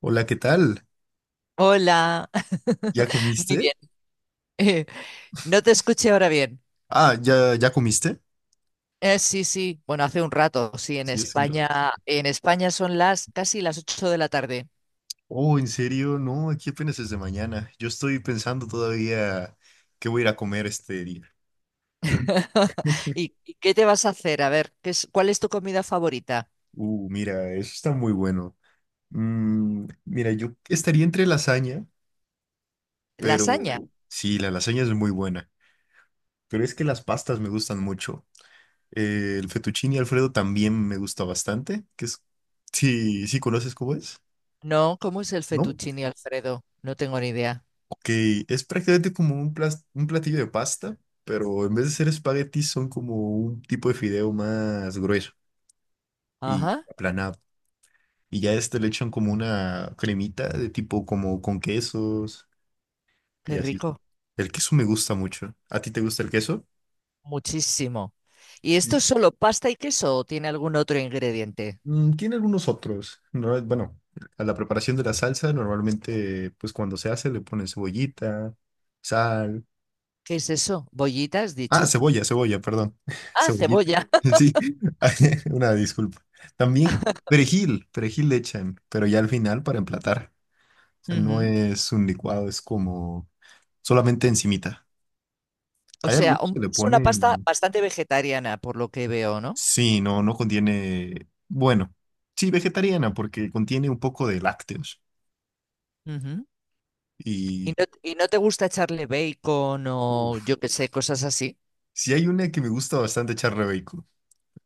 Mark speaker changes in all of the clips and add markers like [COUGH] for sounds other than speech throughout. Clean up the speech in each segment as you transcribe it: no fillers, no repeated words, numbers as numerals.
Speaker 1: Hola, ¿qué tal?
Speaker 2: Hola.
Speaker 1: ¿Ya
Speaker 2: [LAUGHS] Muy bien.
Speaker 1: comiste?
Speaker 2: Eh, no te escuché ahora bien.
Speaker 1: Ah, ¿ya, ya comiste?
Speaker 2: Sí, sí. Bueno, hace un rato, sí, en
Speaker 1: Sí, es un ra-
Speaker 2: España, en España son las casi las 8 de la tarde.
Speaker 1: oh, ¿en serio? No, aquí apenas es de mañana. Yo estoy pensando todavía qué voy a ir a comer este día.
Speaker 2: [LAUGHS] ¿Y qué te vas a hacer? A ver, ¿cuál es tu comida favorita?
Speaker 1: Mira, eso está muy bueno. Mira, yo estaría entre lasaña, pero
Speaker 2: ¿Lasaña?
Speaker 1: sí, la lasaña es muy buena. Pero es que las pastas me gustan mucho. El fettuccine Alfredo también me gusta bastante, que es... Sí, sí conoces cómo es,
Speaker 2: No, ¿cómo es el
Speaker 1: ¿no?
Speaker 2: fettuccine Alfredo? No tengo ni idea.
Speaker 1: Ok, es prácticamente como un, plas- un platillo de pasta, pero en vez de ser espaguetis son como un tipo de fideo más grueso y
Speaker 2: Ajá,
Speaker 1: aplanado. Y ya a este le echan como una cremita de tipo como con quesos
Speaker 2: qué
Speaker 1: y así.
Speaker 2: rico.
Speaker 1: El queso me gusta mucho. ¿A ti te gusta el queso?
Speaker 2: Muchísimo. ¿Y esto
Speaker 1: Sí.
Speaker 2: es solo pasta y queso o tiene algún otro ingrediente?
Speaker 1: Mm, tiene algunos otros. No, bueno, a la preparación de la salsa normalmente pues cuando se hace le ponen cebollita, sal.
Speaker 2: ¿Qué es eso? ¿Bollitas,
Speaker 1: Ah,
Speaker 2: dicho?
Speaker 1: cebolla, perdón. [LAUGHS]
Speaker 2: Ah,
Speaker 1: Cebollita.
Speaker 2: cebolla.
Speaker 1: [LAUGHS] Sí, [LAUGHS] una disculpa. También perejil le echan, pero ya al final para emplatar. O
Speaker 2: [LAUGHS]
Speaker 1: sea, no
Speaker 2: Ujú.
Speaker 1: es un licuado, es como solamente encimita.
Speaker 2: O
Speaker 1: Hay
Speaker 2: sea,
Speaker 1: algunos
Speaker 2: un-
Speaker 1: que le
Speaker 2: es una pasta
Speaker 1: ponen...
Speaker 2: bastante vegetariana, por lo que veo, ¿no?
Speaker 1: Sí, no, no contiene... Bueno, sí, vegetariana, porque contiene un poco de lácteos.
Speaker 2: Ujú. ¿Y
Speaker 1: Y
Speaker 2: no, y no te gusta echarle bacon o
Speaker 1: uf,
Speaker 2: yo qué sé, cosas así?
Speaker 1: sí hay una que me gusta bastante echarle bacon.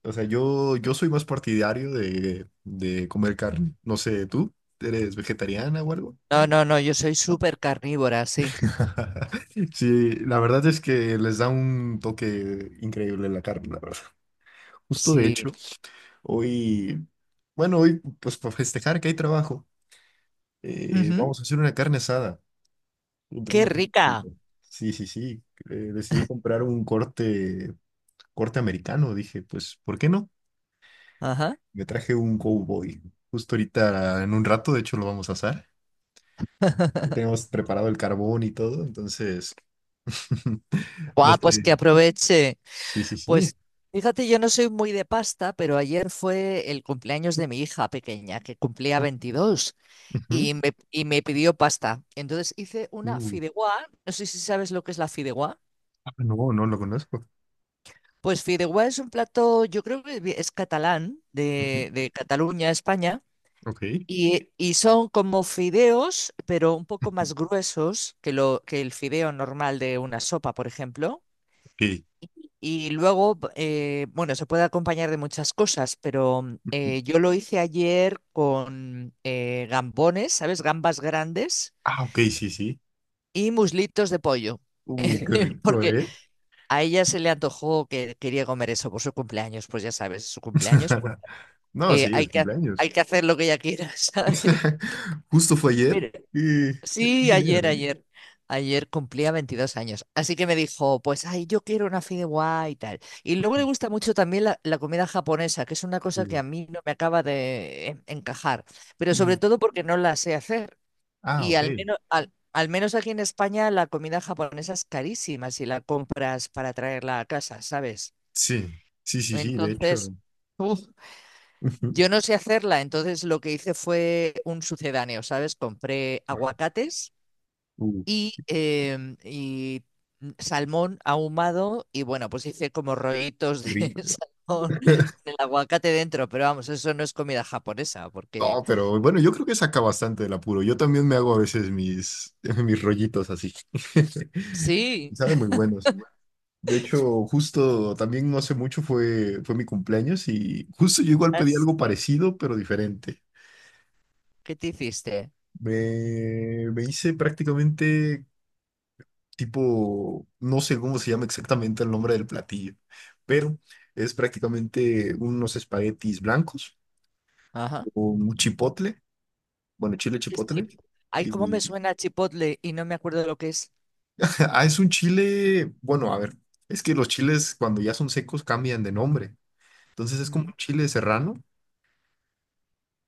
Speaker 1: O sea, yo soy más partidario de comer carne. No sé, ¿tú eres vegetariana o algo?
Speaker 2: No, no, no, yo soy
Speaker 1: ¿No?
Speaker 2: súper carnívora, sí.
Speaker 1: [LAUGHS] Sí, la verdad es que les da un toque increíble la carne, la verdad. Justo de
Speaker 2: Sí.
Speaker 1: hecho, hoy, bueno, hoy pues para festejar que hay trabajo,
Speaker 2: Ujú.
Speaker 1: vamos a hacer una carne asada entre
Speaker 2: ¡Qué
Speaker 1: unos-
Speaker 2: rica!
Speaker 1: sí, sí, sí. Decidí comprar un corte, corte americano. Dije, pues, ¿por qué no?
Speaker 2: Ajá.
Speaker 1: Me traje un cowboy. Justo ahorita, en un rato, de hecho, lo vamos a asar. Ya
Speaker 2: [LAUGHS]
Speaker 1: tenemos preparado el carbón y todo, entonces, [LAUGHS] no
Speaker 2: Guau, pues que
Speaker 1: sé.
Speaker 2: aproveche.
Speaker 1: Sí, sí, sí.
Speaker 2: Pues fíjate, yo no soy muy de pasta, pero ayer fue el cumpleaños de mi hija pequeña, que cumplía 22,
Speaker 1: Ujú.
Speaker 2: y me pidió pasta. Entonces hice una
Speaker 1: Uh,
Speaker 2: fideuá. No sé si sabes lo que es la fideuá.
Speaker 1: no, no lo conozco.
Speaker 2: Pues fideuá es un plato, yo creo que es catalán,
Speaker 1: Ujú.
Speaker 2: de Cataluña, España,
Speaker 1: Ok.
Speaker 2: y son como fideos, pero un poco
Speaker 1: Ujú.
Speaker 2: más gruesos que el fideo normal de una sopa, por ejemplo.
Speaker 1: Ok.
Speaker 2: Y luego, bueno, se puede acompañar de muchas cosas, pero yo lo hice ayer con gambones, ¿sabes? Gambas grandes
Speaker 1: Ah, ok, sí, sí.
Speaker 2: y muslitos de pollo.
Speaker 1: Qué
Speaker 2: [LAUGHS]
Speaker 1: rico,
Speaker 2: Porque
Speaker 1: ¿eh?
Speaker 2: a ella se le antojó que quería comer eso por su cumpleaños, pues ya sabes, su cumpleaños
Speaker 1: [LAUGHS] No,
Speaker 2: eh,
Speaker 1: sí,
Speaker 2: hay
Speaker 1: es
Speaker 2: que, ha- hay
Speaker 1: cumpleaños.
Speaker 2: que hacer lo que ella quiera, [LAUGHS] ¿sabes?
Speaker 1: [LAUGHS] Justo fue ayer.
Speaker 2: Mira,
Speaker 1: Y... qué
Speaker 2: sí, ayer,
Speaker 1: genial, ¿eh?
Speaker 2: ayer. Ayer cumplía 22 años, así que me dijo, pues, ay, yo quiero una fideuá y tal. Y luego le gusta mucho también la comida japonesa, que es una cosa que
Speaker 1: Uh,
Speaker 2: a mí no me acaba de en- encajar, pero sobre
Speaker 1: mm.
Speaker 2: todo porque no la sé hacer.
Speaker 1: Ah,
Speaker 2: Y
Speaker 1: ok.
Speaker 2: al menos aquí en España la comida japonesa es carísima si la compras para traerla a casa, ¿sabes?
Speaker 1: Sí, sí, sí, sí, de hecho.
Speaker 2: Entonces, [LAUGHS]
Speaker 1: [LAUGHS] Ujú.
Speaker 2: yo no sé hacerla, entonces lo que hice fue un sucedáneo, ¿sabes? Compré aguacates
Speaker 1: Uh,
Speaker 2: y salmón ahumado y bueno, pues hice como rollitos
Speaker 1: qué
Speaker 2: de [LAUGHS]
Speaker 1: rico.
Speaker 2: salmón con el aguacate dentro, pero vamos, eso no es comida japonesa, porque
Speaker 1: No, pero bueno, yo creo que saca bastante del apuro. Yo también me hago a veces mis, [LAUGHS] mis rollitos así. [LAUGHS]
Speaker 2: sí,
Speaker 1: Saben muy buenos. De hecho, justo también no hace mucho fue mi cumpleaños y justo yo igual pedí algo parecido, pero diferente.
Speaker 2: ¿qué te hiciste?
Speaker 1: Me hice prácticamente tipo, no sé cómo se llama exactamente el nombre del platillo, pero es prácticamente unos espaguetis blancos
Speaker 2: Ajá.
Speaker 1: con un chipotle, bueno, chile
Speaker 2: ¿Qué es
Speaker 1: chipotle
Speaker 2: chip- Ay, ¿cómo me
Speaker 1: y
Speaker 2: suena chipotle y no me acuerdo lo que es?
Speaker 1: ah, es un chile, bueno, a ver, es que los chiles cuando ya son secos cambian de nombre. Entonces es como
Speaker 2: Mm,
Speaker 1: un chile serrano,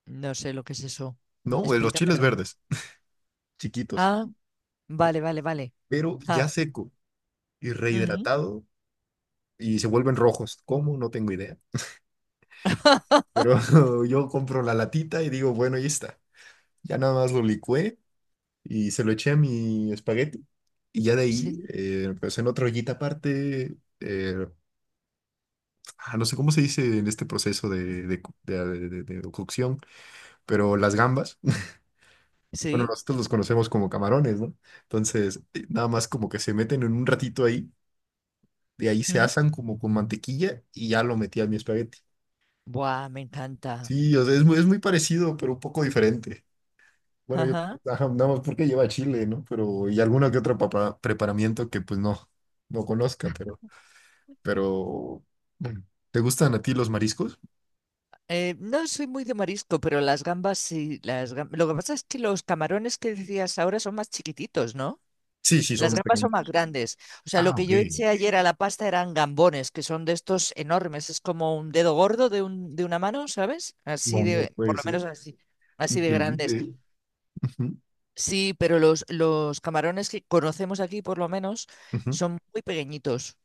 Speaker 2: no sé lo que es eso.
Speaker 1: ¿no? De los chiles
Speaker 2: Explícamelo.
Speaker 1: verdes, chiquitos,
Speaker 2: Ah, vale, vale, vale.
Speaker 1: pero
Speaker 2: Ah,
Speaker 1: ya seco y
Speaker 2: ujú.
Speaker 1: rehidratado y se vuelven rojos. ¿Cómo? No tengo idea.
Speaker 2: [LAUGHS]
Speaker 1: Pero [LAUGHS] yo compro la latita y digo, bueno, ahí está. Ya nada más lo licué y se lo eché a mi espagueti. Y ya de ahí,
Speaker 2: Sí.
Speaker 1: pues en otra ollita aparte, no sé cómo se dice en este proceso cu- de de cocción, pero las gambas. Bueno,
Speaker 2: Sí,
Speaker 1: nosotros los conocemos como camarones, ¿no? Entonces, nada más como que se meten en un ratito ahí, de ahí se
Speaker 2: mm,
Speaker 1: asan como con mantequilla y ya lo metí a mi espagueti.
Speaker 2: buah, me encanta.
Speaker 1: Sí, o sea, es muy parecido, pero un poco diferente. Bueno, yo,
Speaker 2: Ajá.
Speaker 1: ajá, nada más porque lleva chile, ¿no? Pero, y alguna que otra papa- preparamiento que pues no, no conozca, pero, bueno, ¿te gustan a ti los mariscos?
Speaker 2: No soy muy de marisco, pero las gambas sí. Las gam- Lo que pasa es que los camarones que decías ahora son más chiquititos, ¿no?
Speaker 1: Sí, sí,
Speaker 2: Las
Speaker 1: son
Speaker 2: gambas son más
Speaker 1: pequeños.
Speaker 2: grandes. O sea, lo
Speaker 1: Ah,
Speaker 2: que
Speaker 1: ok.
Speaker 2: yo eché ayer a la pasta eran gambones, que son de estos enormes. Es como un dedo gordo de una mano, ¿sabes? Así
Speaker 1: No, no
Speaker 2: de, por
Speaker 1: puede
Speaker 2: lo
Speaker 1: ser.
Speaker 2: menos así, así de grandes.
Speaker 1: Increíble. Ujú,
Speaker 2: Sí, pero los camarones que conocemos aquí, por lo menos,
Speaker 1: ujú.
Speaker 2: son muy pequeñitos,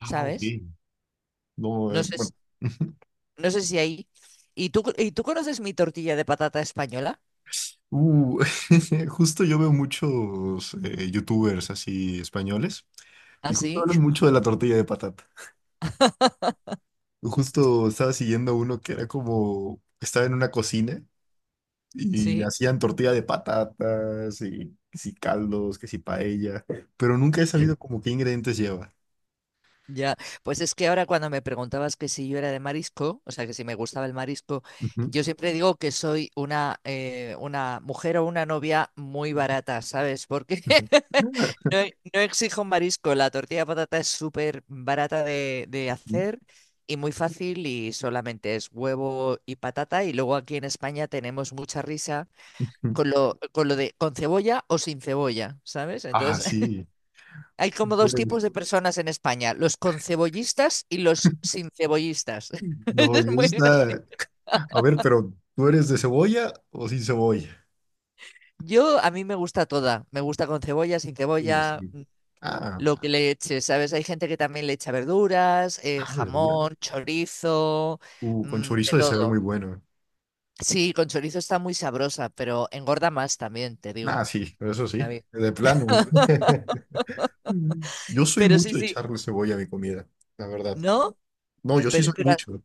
Speaker 1: Ah, ok.
Speaker 2: ¿sabes?
Speaker 1: No,
Speaker 2: No sé
Speaker 1: bueno. [LAUGHS]
Speaker 2: No sé si ahí. ¿Y tú conoces mi tortilla de patata española?
Speaker 1: Uh, [LAUGHS] justo yo veo muchos youtubers así españoles y
Speaker 2: ¿Ah,
Speaker 1: justo
Speaker 2: sí?
Speaker 1: hablan
Speaker 2: [LAUGHS]
Speaker 1: mucho de la tortilla de patata. Justo estaba siguiendo uno que era como, estaba en una cocina y
Speaker 2: Sí.
Speaker 1: hacían tortilla de patatas y que si caldos, que si paella, pero nunca he sabido
Speaker 2: [LAUGHS]
Speaker 1: como qué ingredientes lleva.
Speaker 2: Ya, pues es que ahora cuando me preguntabas que si yo era de marisco, o sea, que si me gustaba el marisco, yo siempre digo que soy una mujer o una novia muy barata, ¿sabes? Porque
Speaker 1: Ujú,
Speaker 2: [LAUGHS] no, e- no exijo marisco, la tortilla de patata es súper barata de
Speaker 1: ujú.
Speaker 2: hacer y muy fácil y solamente es huevo y patata y luego aquí en España tenemos mucha risa. Con lo de con cebolla o sin cebolla, ¿sabes?
Speaker 1: Ah,
Speaker 2: Entonces, [LAUGHS]
Speaker 1: sí.
Speaker 2: hay como
Speaker 1: Tú
Speaker 2: dos
Speaker 1: eres-
Speaker 2: tipos de personas en España, los concebollistas y los sin cebollistas. [LAUGHS]
Speaker 1: no,
Speaker 2: Es
Speaker 1: yo
Speaker 2: muy
Speaker 1: está...
Speaker 2: gracioso.
Speaker 1: A ver, pero ¿tú eres de cebolla o sin cebolla?
Speaker 2: Yo, a mí me gusta toda, me gusta con cebolla, sin cebolla,
Speaker 1: Sí. Ah,
Speaker 2: lo que le eche, ¿sabes? Hay gente que también le echa verduras,
Speaker 1: ah, verduras.
Speaker 2: jamón, chorizo,
Speaker 1: Con
Speaker 2: de
Speaker 1: chorizo de saber
Speaker 2: todo.
Speaker 1: muy bueno.
Speaker 2: Sí, con chorizo está muy sabrosa, pero engorda más también, te
Speaker 1: Ah,
Speaker 2: digo,
Speaker 1: sí, eso sí,
Speaker 2: David.
Speaker 1: de plano.
Speaker 2: [LAUGHS]
Speaker 1: [LAUGHS] Mm. Yo soy
Speaker 2: Pero sí,
Speaker 1: mucho de
Speaker 2: sí,
Speaker 1: echarle cebolla a mi comida, la verdad.
Speaker 2: ¿no?
Speaker 1: No, yo sí
Speaker 2: Pero,
Speaker 1: soy
Speaker 2: pero
Speaker 1: mucho,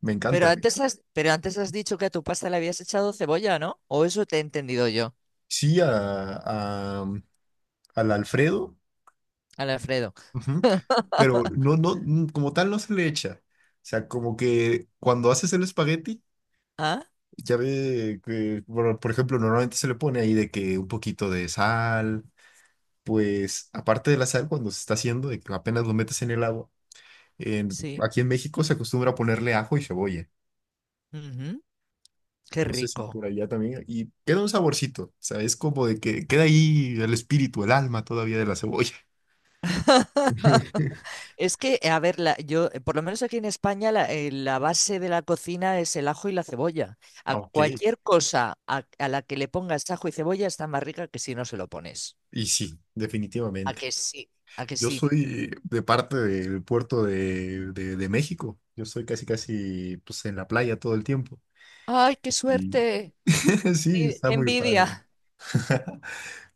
Speaker 1: me
Speaker 2: Pero
Speaker 1: encanta.
Speaker 2: antes has dicho que a tu pasta le habías echado cebolla, ¿no? O eso te he entendido yo,
Speaker 1: Sí, a- al Alfredo,
Speaker 2: al Alfredo.
Speaker 1: ujú, pero
Speaker 2: [LAUGHS]
Speaker 1: no, no, mm, como tal no se le echa. O sea, como que cuando haces el espagueti,
Speaker 2: Ah,
Speaker 1: ya ve que, por ejemplo, normalmente se le pone ahí de que un poquito de sal, pues aparte del sal, cuando se está haciendo, de que apenas lo metes en el agua, en-
Speaker 2: sí.
Speaker 1: aquí en México se acostumbra a ponerle ajo y cebolla.
Speaker 2: Ujú. Qué
Speaker 1: No sé si
Speaker 2: rico.
Speaker 1: por allá también. Y queda un saborcito, ¿sabes? Como de que queda ahí el espíritu, el alma todavía de la cebolla.
Speaker 2: [LAUGHS]
Speaker 1: [LAUGHS]
Speaker 2: Es que, a ver, la- yo, por lo menos aquí en España, la base de la cocina es el ajo y la cebolla. A
Speaker 1: Ok,
Speaker 2: cualquier cosa a la que le pongas ajo y cebolla está más rica que si no se lo pones.
Speaker 1: y sí,
Speaker 2: ¿A
Speaker 1: definitivamente.
Speaker 2: que sí? ¿A que
Speaker 1: Yo
Speaker 2: sí?
Speaker 1: soy de parte del puerto de México. Yo soy casi, casi, pues en la playa todo el tiempo.
Speaker 2: ¡Ay, qué
Speaker 1: Y
Speaker 2: suerte!
Speaker 1: [LAUGHS] sí,
Speaker 2: ¡Qué
Speaker 1: está
Speaker 2: qué
Speaker 1: muy padre.
Speaker 2: envidia!
Speaker 1: [LAUGHS]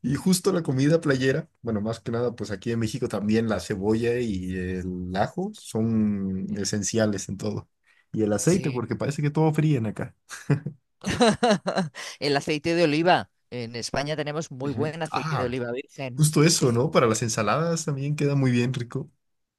Speaker 1: Y justo la comida playera, bueno, más que nada, pues aquí en México también la cebolla y el ajo son esenciales en todo. Y el aceite,
Speaker 2: Sí,
Speaker 1: porque parece que todo fríen acá.
Speaker 2: [LAUGHS] el aceite de oliva. En España tenemos muy
Speaker 1: Ujú.
Speaker 2: buen aceite de
Speaker 1: Ah,
Speaker 2: oliva virgen.
Speaker 1: justo eso,
Speaker 2: Sí,
Speaker 1: ¿no? Para las ensaladas también queda muy bien rico.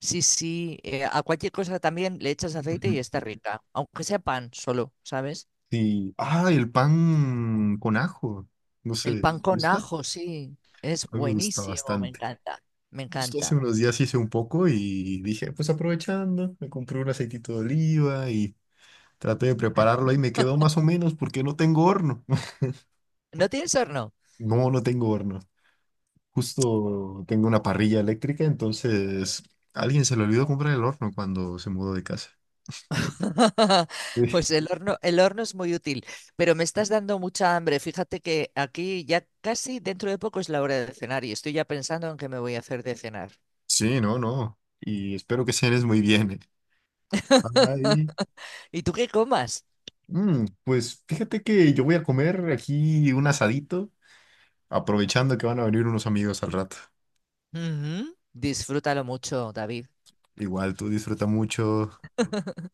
Speaker 2: sí, sí. A cualquier cosa también le echas aceite
Speaker 1: Ujú.
Speaker 2: y está rica. Aunque sea pan solo, ¿sabes?
Speaker 1: Sí. Ah, el pan con ajo. No
Speaker 2: El
Speaker 1: sé, ¿te
Speaker 2: pan con
Speaker 1: gusta?
Speaker 2: ajo, sí. Es
Speaker 1: A mí me gusta
Speaker 2: buenísimo, me
Speaker 1: bastante.
Speaker 2: encanta. Me
Speaker 1: Justo hace
Speaker 2: encanta.
Speaker 1: unos días hice un poco y dije, pues aprovechando, me compré un aceitito de oliva y traté de prepararlo y me quedó más o menos porque no tengo horno.
Speaker 2: ¿No tienes horno?
Speaker 1: No, no tengo horno. Justo tengo una parrilla eléctrica, entonces a alguien se le olvidó comprar el horno cuando se mudó de casa.
Speaker 2: [LAUGHS]
Speaker 1: Sí,
Speaker 2: Pues el horno es muy útil, pero me estás dando mucha hambre. Fíjate que aquí ya casi dentro de poco es la hora de cenar y estoy ya pensando en qué me voy a hacer de cenar.
Speaker 1: sí, no, no. Y espero que cenes muy bien. Ay,
Speaker 2: [LAUGHS] ¿Y tú qué comas?
Speaker 1: pues fíjate que yo voy a comer aquí un asadito, aprovechando que van a venir unos amigos al rato.
Speaker 2: Ujú. Disfrútalo mucho, David.
Speaker 1: Igual, tú disfruta mucho.
Speaker 2: [LAUGHS]